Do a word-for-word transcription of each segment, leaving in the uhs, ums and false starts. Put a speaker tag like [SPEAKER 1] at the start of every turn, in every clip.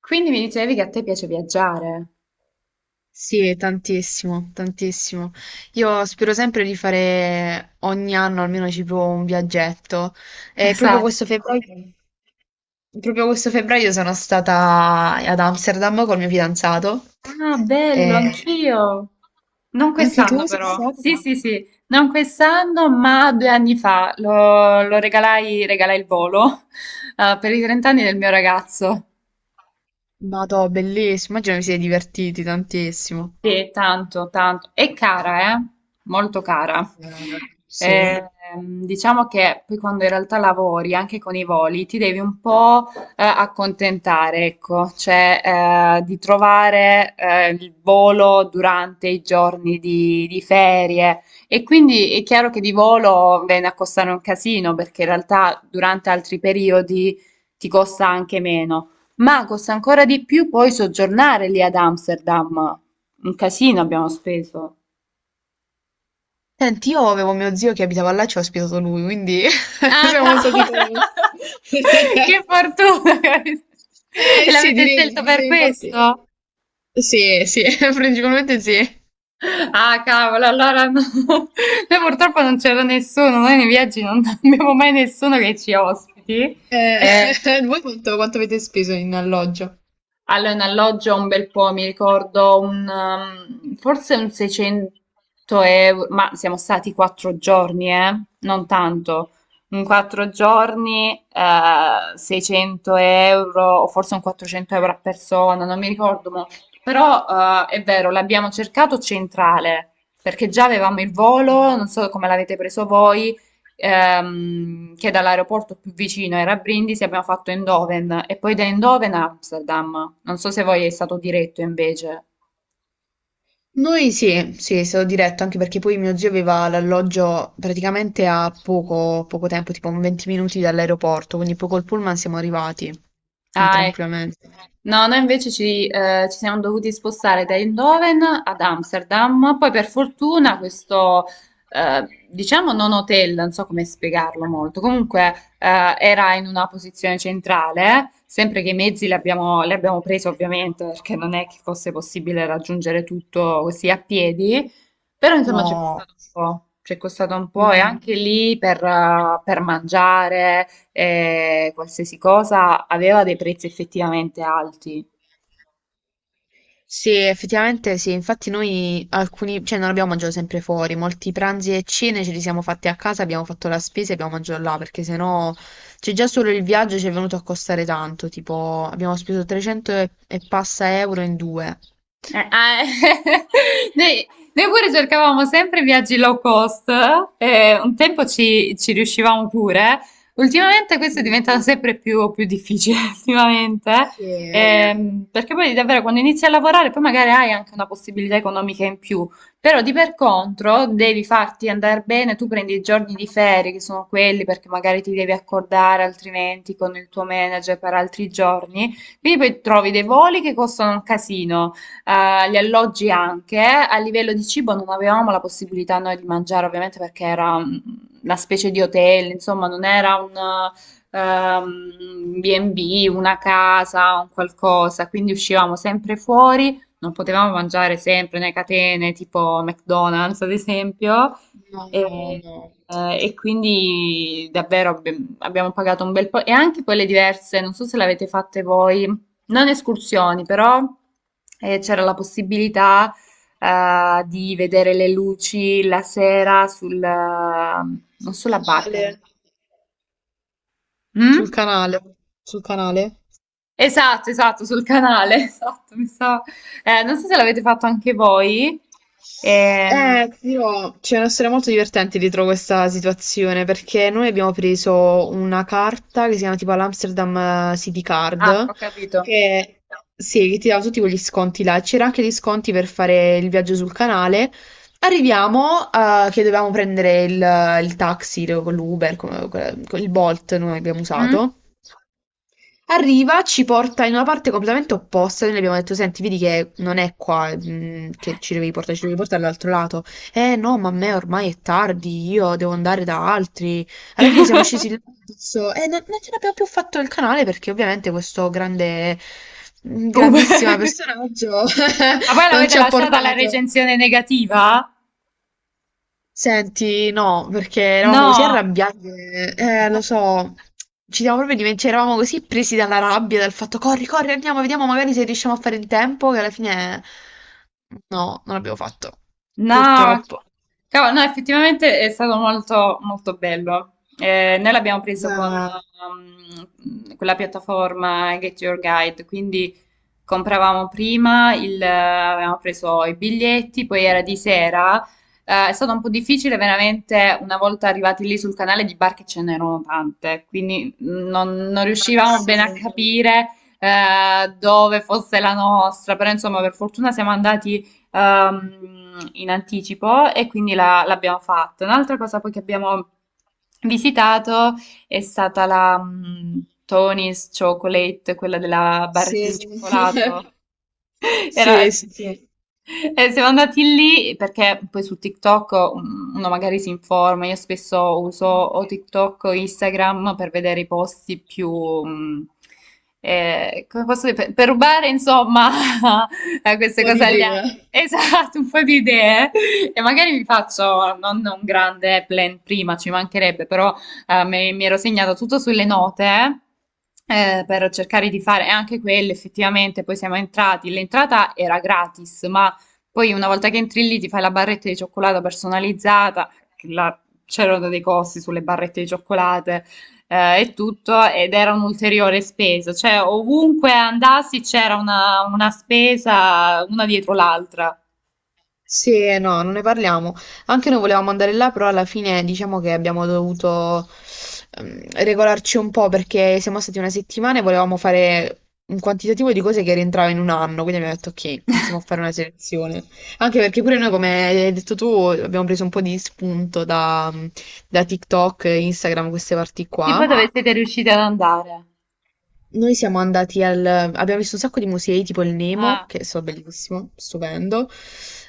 [SPEAKER 1] Quindi mi dicevi che a te piace viaggiare.
[SPEAKER 2] Sì, è tantissimo, tantissimo. Io spero sempre di fare ogni anno almeno ci provo un viaggetto. E proprio
[SPEAKER 1] Esatto.
[SPEAKER 2] questo febbraio, proprio questo febbraio sono stata ad Amsterdam col mio fidanzato.
[SPEAKER 1] Ah, bello,
[SPEAKER 2] E
[SPEAKER 1] anch'io. Non
[SPEAKER 2] anche tu
[SPEAKER 1] quest'anno
[SPEAKER 2] sei
[SPEAKER 1] però. Sì,
[SPEAKER 2] stata?
[SPEAKER 1] sì, sì, non quest'anno, ma due anni fa lo, lo regalai, regalai il volo eh, per i trenta anni del mio ragazzo.
[SPEAKER 2] Vado, bellissimo. Immagino vi siete divertiti tantissimo.
[SPEAKER 1] Sì, tanto, tanto. È cara, eh? Molto cara.
[SPEAKER 2] Eh,
[SPEAKER 1] Eh,
[SPEAKER 2] sì.
[SPEAKER 1] ehm, diciamo che poi quando in realtà lavori anche con i voli ti devi un po' eh, accontentare, ecco, cioè eh, di trovare eh, il volo durante i giorni di, di ferie e quindi è chiaro che di volo viene a costare un casino, perché in realtà durante altri periodi ti costa anche meno, ma costa ancora di più poi soggiornare lì ad Amsterdam. Un casino abbiamo speso.
[SPEAKER 2] Senti, io avevo mio zio che abitava là e ci ha ospitato lui, quindi
[SPEAKER 1] Ah,
[SPEAKER 2] siamo stati
[SPEAKER 1] cavolo!
[SPEAKER 2] comodi.
[SPEAKER 1] Che fortuna! che avete- E
[SPEAKER 2] Eh sì,
[SPEAKER 1] l'avete
[SPEAKER 2] direi,
[SPEAKER 1] scelto per
[SPEAKER 2] sì, infatti.
[SPEAKER 1] questo?
[SPEAKER 2] Sì, sì, principalmente sì.
[SPEAKER 1] Ah, cavolo, allora no. Noi purtroppo non c'era nessuno, noi nei viaggi non abbiamo mai nessuno che ci ospiti.
[SPEAKER 2] Eh,
[SPEAKER 1] Eh,
[SPEAKER 2] voi quanto, quanto avete speso in alloggio?
[SPEAKER 1] Allora, in alloggio un bel po', mi ricordo un, ehm, forse un seicento euro, ma siamo stati quattro giorni, eh? Non tanto. In quattro giorni, eh, seicento euro, o forse un quattrocento euro a persona, non mi ricordo mo. Però, eh, è vero, l'abbiamo cercato centrale, perché già avevamo il volo,
[SPEAKER 2] Mh.
[SPEAKER 1] non so come l'avete preso voi, ehm, che dall'aeroporto più vicino era Brindisi, abbiamo fatto Eindhoven e poi da Eindhoven a Amsterdam. Non so se voi è stato diretto invece.
[SPEAKER 2] Noi sì, sì, è stato diretto anche perché poi mio zio aveva l'alloggio praticamente a poco, poco tempo, tipo un venti minuti dall'aeroporto, quindi poi col pullman siamo arrivati, quindi
[SPEAKER 1] Ah, ecco.
[SPEAKER 2] tranquillamente.
[SPEAKER 1] No, noi invece ci, eh, ci siamo dovuti spostare da Eindhoven ad Amsterdam, poi per fortuna
[SPEAKER 2] Mh.
[SPEAKER 1] questo, eh, diciamo non hotel, non so come spiegarlo, molto comunque eh, era in una posizione centrale, sempre che i mezzi li abbiamo, li abbiamo presi ovviamente perché non è che fosse possibile raggiungere tutto così a piedi, però insomma ci è
[SPEAKER 2] No.
[SPEAKER 1] costato un po', ci è costato un po' e
[SPEAKER 2] Mh.
[SPEAKER 1] anche lì per eh, per mangiare eh, qualsiasi cosa, aveva dei prezzi effettivamente alti.
[SPEAKER 2] Sì, effettivamente sì, infatti noi alcuni, cioè non abbiamo mangiato sempre fuori, molti pranzi e cene ce li siamo fatti a casa, abbiamo fatto la spesa e abbiamo mangiato là, perché sennò c'è già solo il viaggio ci è venuto a costare tanto, tipo abbiamo speso trecento e, e passa euro in due.
[SPEAKER 1] Eh, ah, Noi, noi pure cercavamo sempre viaggi low cost, eh, un tempo ci, ci riuscivamo pure, ultimamente questo è
[SPEAKER 2] Mm.
[SPEAKER 1] diventato sempre più, più difficile, ultimamente,
[SPEAKER 2] Sì.
[SPEAKER 1] ehm, perché poi davvero quando inizi a lavorare poi magari hai anche una possibilità economica in più, però di per contro devi farti andare bene, tu prendi i giorni di ferie che sono quelli perché magari ti devi accordare altrimenti con il tuo manager per altri giorni, quindi poi trovi dei voli che costano un casino, eh, gli alloggi anche. A livello di cibo non avevamo la possibilità noi di mangiare, ovviamente, perché era mm, una specie di hotel, insomma, non era un ehm, B e B, una casa, un qualcosa, quindi uscivamo sempre fuori, non potevamo mangiare sempre nelle catene tipo McDonald's, ad esempio.
[SPEAKER 2] No, no,
[SPEAKER 1] E,
[SPEAKER 2] no.
[SPEAKER 1] eh, e quindi davvero abbi- abbiamo pagato un bel po' e anche quelle diverse, non so se l'avete fatte voi, non escursioni, però eh, c'era la possibilità eh, di vedere le luci la sera sul, eh, non
[SPEAKER 2] Sul
[SPEAKER 1] sulla barca.
[SPEAKER 2] canale,
[SPEAKER 1] era-
[SPEAKER 2] sul
[SPEAKER 1] Mm?
[SPEAKER 2] canale, sul canale.
[SPEAKER 1] Esatto, esatto, sul canale, esatto, mi sa. Eh, non so se l'avete fatto anche voi. Ehm.
[SPEAKER 2] Eh, ti dirò, c'è una storia molto divertente dietro questa situazione perché noi abbiamo preso una carta che si chiama tipo l'Amsterdam eh, City
[SPEAKER 1] Ah,
[SPEAKER 2] Card
[SPEAKER 1] ho capito.
[SPEAKER 2] che, sì, che ti dava tutti quegli sconti là. C'era anche gli sconti per fare il viaggio sul canale. Arriviamo, eh, che dovevamo prendere il, il taxi con l'Uber, con, con il Bolt noi abbiamo
[SPEAKER 1] Mm?
[SPEAKER 2] usato. Arriva, ci porta in una parte completamente opposta. Noi le abbiamo detto: senti, vedi che non è qua, mm, che ci devi portare, ci devi portare all'altro lato. Eh no, ma a me ormai è tardi, io devo andare da altri. Alla fine siamo scesi là adesso, e non, non ce l'abbiamo più fatto il canale perché ovviamente questo grande,
[SPEAKER 1] Uh, ma
[SPEAKER 2] grandissimo personaggio
[SPEAKER 1] poi
[SPEAKER 2] non
[SPEAKER 1] l'avete
[SPEAKER 2] ci ha
[SPEAKER 1] lasciata la
[SPEAKER 2] portato.
[SPEAKER 1] recensione negativa?
[SPEAKER 2] Senti, no, perché eravamo così
[SPEAKER 1] No.
[SPEAKER 2] arrabbiati, che- eh, lo so, ci siamo proprio dimenticati, eravamo così presi dalla rabbia, dal fatto corri, corri, andiamo, vediamo magari se riusciamo a fare in tempo, che alla fine no, non l'abbiamo fatto,
[SPEAKER 1] No, ma
[SPEAKER 2] purtroppo.
[SPEAKER 1] cavolo, no, effettivamente è stato molto, molto bello. Eh, noi l'abbiamo preso con
[SPEAKER 2] Ah,
[SPEAKER 1] um, quella piattaforma Get Your Guide, quindi compravamo prima, il, eh, avevamo preso i biglietti, poi era di sera. Eh, è stato un po' difficile veramente. Una volta arrivati lì sul canale di barche ce n'erano tante, quindi non, non
[SPEAKER 2] ah,
[SPEAKER 1] riuscivamo
[SPEAKER 2] sì.
[SPEAKER 1] bene a capire eh, dove fosse la nostra, però insomma per fortuna siamo andati ehm, in anticipo e quindi la- l'abbiamo fatto. Un'altra cosa poi che abbiamo visitato è stata la mm, Tony's Chocolate, quella della
[SPEAKER 2] Sì.
[SPEAKER 1] barretta di sì, cioccolato. Era...
[SPEAKER 2] Sì, sì, sì.
[SPEAKER 1] Eh, siamo andati lì perché poi su TikTok um, uno magari si informa, io spesso uso
[SPEAKER 2] Un
[SPEAKER 1] o TikTok o Instagram per vedere i posti più, um, eh, come posso dire, per, per rubare insomma a queste
[SPEAKER 2] po' di
[SPEAKER 1] cose agli
[SPEAKER 2] idea.
[SPEAKER 1] altri. Esatto, un po' di idee e magari mi faccio non un grande plan prima, ci mancherebbe, però eh, me- mi ero segnata tutto sulle note eh, per cercare di fare e anche quelle effettivamente. Poi siamo entrati. L'entrata era gratis, ma poi una volta che entri lì ti fai la barretta di cioccolato personalizzata. che la- C'erano dei costi sulle barrette di cioccolate eh, e tutto, ed era un'ulteriore spesa. Cioè, ovunque andassi c'era una, una spesa una dietro l'altra.
[SPEAKER 2] Sì, eh, no, non ne parliamo. Anche noi volevamo andare là, però alla fine diciamo che abbiamo dovuto ehm, regolarci un po' perché siamo stati una settimana e volevamo fare un quantitativo di cose che rientrava in un anno, quindi abbiamo detto ok, iniziamo a fare una selezione. Anche perché pure noi, come hai detto tu, abbiamo preso un po' di spunto da, da TikTok, Instagram, queste parti
[SPEAKER 1] E tipo
[SPEAKER 2] qua.
[SPEAKER 1] dove siete riusciti ad andare?
[SPEAKER 2] Noi siamo andati al... abbiamo visto un sacco di musei, tipo il Nemo,
[SPEAKER 1] Ah,
[SPEAKER 2] che è stato bellissimo, stupendo.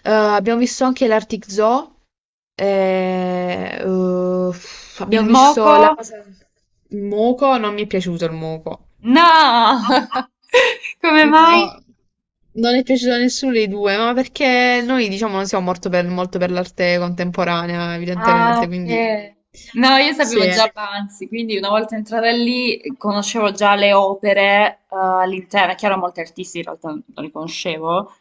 [SPEAKER 2] Eh, abbiamo visto anche l'Arctic Zoo. eh, uff,
[SPEAKER 1] il
[SPEAKER 2] abbiamo visto la
[SPEAKER 1] moco?
[SPEAKER 2] cosa... Il moco, non mi è piaciuto il moco.
[SPEAKER 1] No! Come sì, mai?
[SPEAKER 2] No, non è piaciuto a nessuno dei due, ma perché noi, diciamo, non siamo molto per, molto per l'arte contemporanea,
[SPEAKER 1] Ah,
[SPEAKER 2] evidentemente, quindi...
[SPEAKER 1] ok. No, io sapevo
[SPEAKER 2] Sì.
[SPEAKER 1] già Banzi, quindi una volta entrata lì conoscevo già le opere eh, all'interno. È chiaro, molti artisti in realtà non li conoscevo,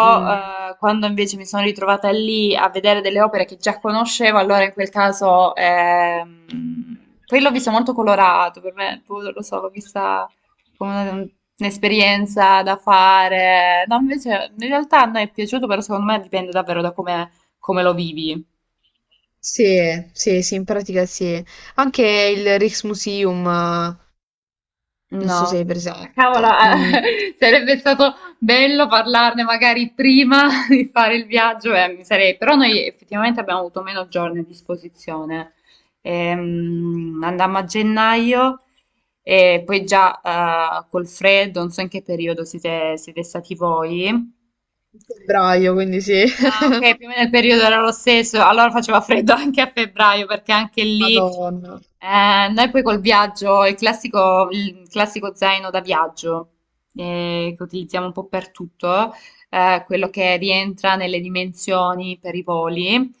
[SPEAKER 2] Mm.
[SPEAKER 1] eh, quando invece mi sono ritrovata lì a vedere delle opere che già conoscevo, allora in quel caso... ehm. Poi l'ho vista molto colorato, per me, boh, non lo so, l'ho vista come un- un'esperienza da fare. No, invece in realtà a me è piaciuto, però secondo me dipende davvero da come come lo vivi.
[SPEAKER 2] Sì, sì, sì, in pratica sì. Anche il Rijksmuseum, eh, non so se
[SPEAKER 1] No,
[SPEAKER 2] è
[SPEAKER 1] ah, cavolo,
[SPEAKER 2] presente,
[SPEAKER 1] ah,
[SPEAKER 2] mm,
[SPEAKER 1] sarebbe stato bello parlarne magari prima di fare il viaggio, eh, mi sarei- però noi effettivamente abbiamo avuto meno giorni a disposizione. Ehm, andammo a gennaio e poi già eh, col freddo, non so in che periodo siete, siete stati voi.
[SPEAKER 2] in febbraio, quindi sì.
[SPEAKER 1] Ah, ok, più o meno il periodo era lo stesso, allora faceva freddo anche a febbraio, perché anche lì
[SPEAKER 2] Madonna.
[SPEAKER 1] eh, noi poi col viaggio, il classico, il classico zaino da viaggio eh, che utilizziamo un po' per tutto, eh, quello che rientra nelle dimensioni per i voli,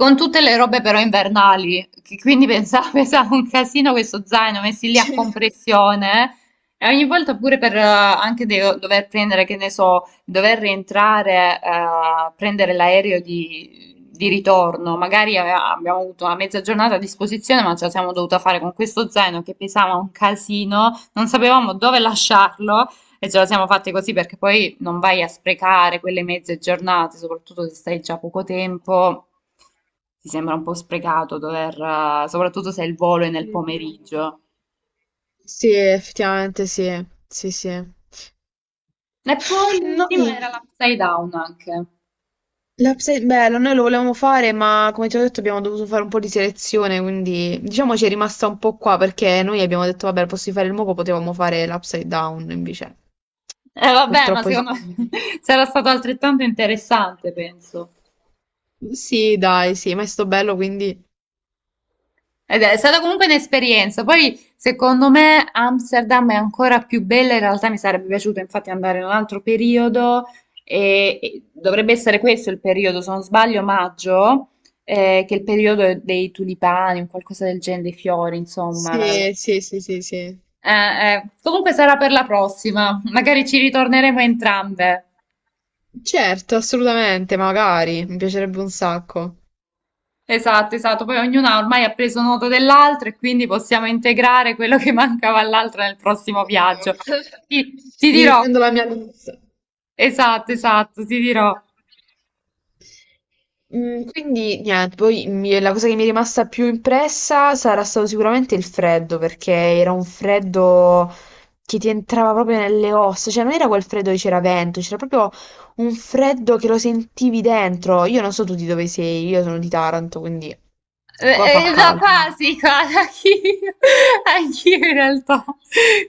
[SPEAKER 1] con tutte le robe però invernali, che quindi pensavo, pesava un casino questo zaino messi lì a
[SPEAKER 2] Cioè,
[SPEAKER 1] compressione. Eh. E ogni volta pure per eh, anche de- dover prendere, che ne so, dover rientrare a prendere l'aereo di, di ritorno, magari ave- abbiamo avuto una mezza giornata a disposizione, ma ce la siamo dovuta fare con questo zaino che pesava un casino, non sapevamo dove lasciarlo e ce la siamo fatte così perché poi non vai a sprecare quelle mezze giornate, soprattutto se stai già poco tempo. Ti sembra un po' sprecato dover, eh, soprattutto se il volo è nel
[SPEAKER 2] mm,
[SPEAKER 1] pomeriggio.
[SPEAKER 2] sì, effettivamente sì, sì, sì.
[SPEAKER 1] E poi l'ultimo
[SPEAKER 2] Noi...
[SPEAKER 1] era l'upside down anche.
[SPEAKER 2] L'Upside Bella, noi lo volevamo fare, ma come ti ho detto abbiamo dovuto fare un po' di selezione, quindi diciamo ci è rimasta un po' qua perché noi abbiamo detto vabbè, posso fare il moco, potevamo fare l'Upside Down, invece
[SPEAKER 1] Eh, vabbè, ma
[SPEAKER 2] purtroppo ci...
[SPEAKER 1] secondo me sarà stato altrettanto interessante, penso.
[SPEAKER 2] Sì, dai, sì, ma è sto bello, quindi...
[SPEAKER 1] Ed è stata comunque un'esperienza. Poi, secondo me, Amsterdam è ancora più bella. In realtà mi sarebbe piaciuto infatti andare in un altro periodo e, e dovrebbe essere questo il periodo, se non sbaglio, maggio, eh, che è il periodo dei tulipani, un qualcosa del genere, dei fiori, insomma. la- la-
[SPEAKER 2] Sì, sì, sì, sì, sì.
[SPEAKER 1] Eh, eh, Comunque sarà per la prossima. Magari ci ritorneremo entrambe.
[SPEAKER 2] Certo, assolutamente, magari, mi piacerebbe un sacco.
[SPEAKER 1] Esatto, esatto. Poi ognuna ormai ha preso nota dell'altra e quindi possiamo integrare quello che mancava all'altra nel prossimo viaggio. Ti, ti
[SPEAKER 2] Mi
[SPEAKER 1] dirò,
[SPEAKER 2] riprendo la mia lista.
[SPEAKER 1] esatto, esatto, ti dirò.
[SPEAKER 2] Mm, quindi niente, poi mi- la cosa che mi è rimasta più impressa sarà stato sicuramente il freddo, perché era un freddo che ti entrava proprio nelle ossa, cioè non era quel freddo che c'era vento, c'era proprio un freddo che lo sentivi dentro. Io non so tu di dove sei, io sono di Taranto, quindi qua
[SPEAKER 1] Eh,
[SPEAKER 2] fa
[SPEAKER 1] eh, Da
[SPEAKER 2] caldo. Ma-
[SPEAKER 1] quasi, quasi, anch'io, anch'io in realtà.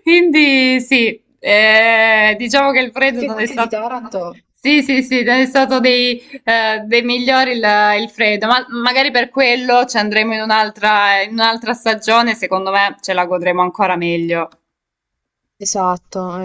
[SPEAKER 1] Quindi sì, eh, diciamo che il freddo
[SPEAKER 2] Perché
[SPEAKER 1] non
[SPEAKER 2] tu
[SPEAKER 1] è
[SPEAKER 2] sei di
[SPEAKER 1] stato...
[SPEAKER 2] Taranto?
[SPEAKER 1] Sì, sì, sì, non è stato dei, eh, dei migliori il, il freddo, ma magari per quello ci andremo in un'altra, in un'altra stagione, secondo me ce la godremo ancora meglio.
[SPEAKER 2] Esatto, eh.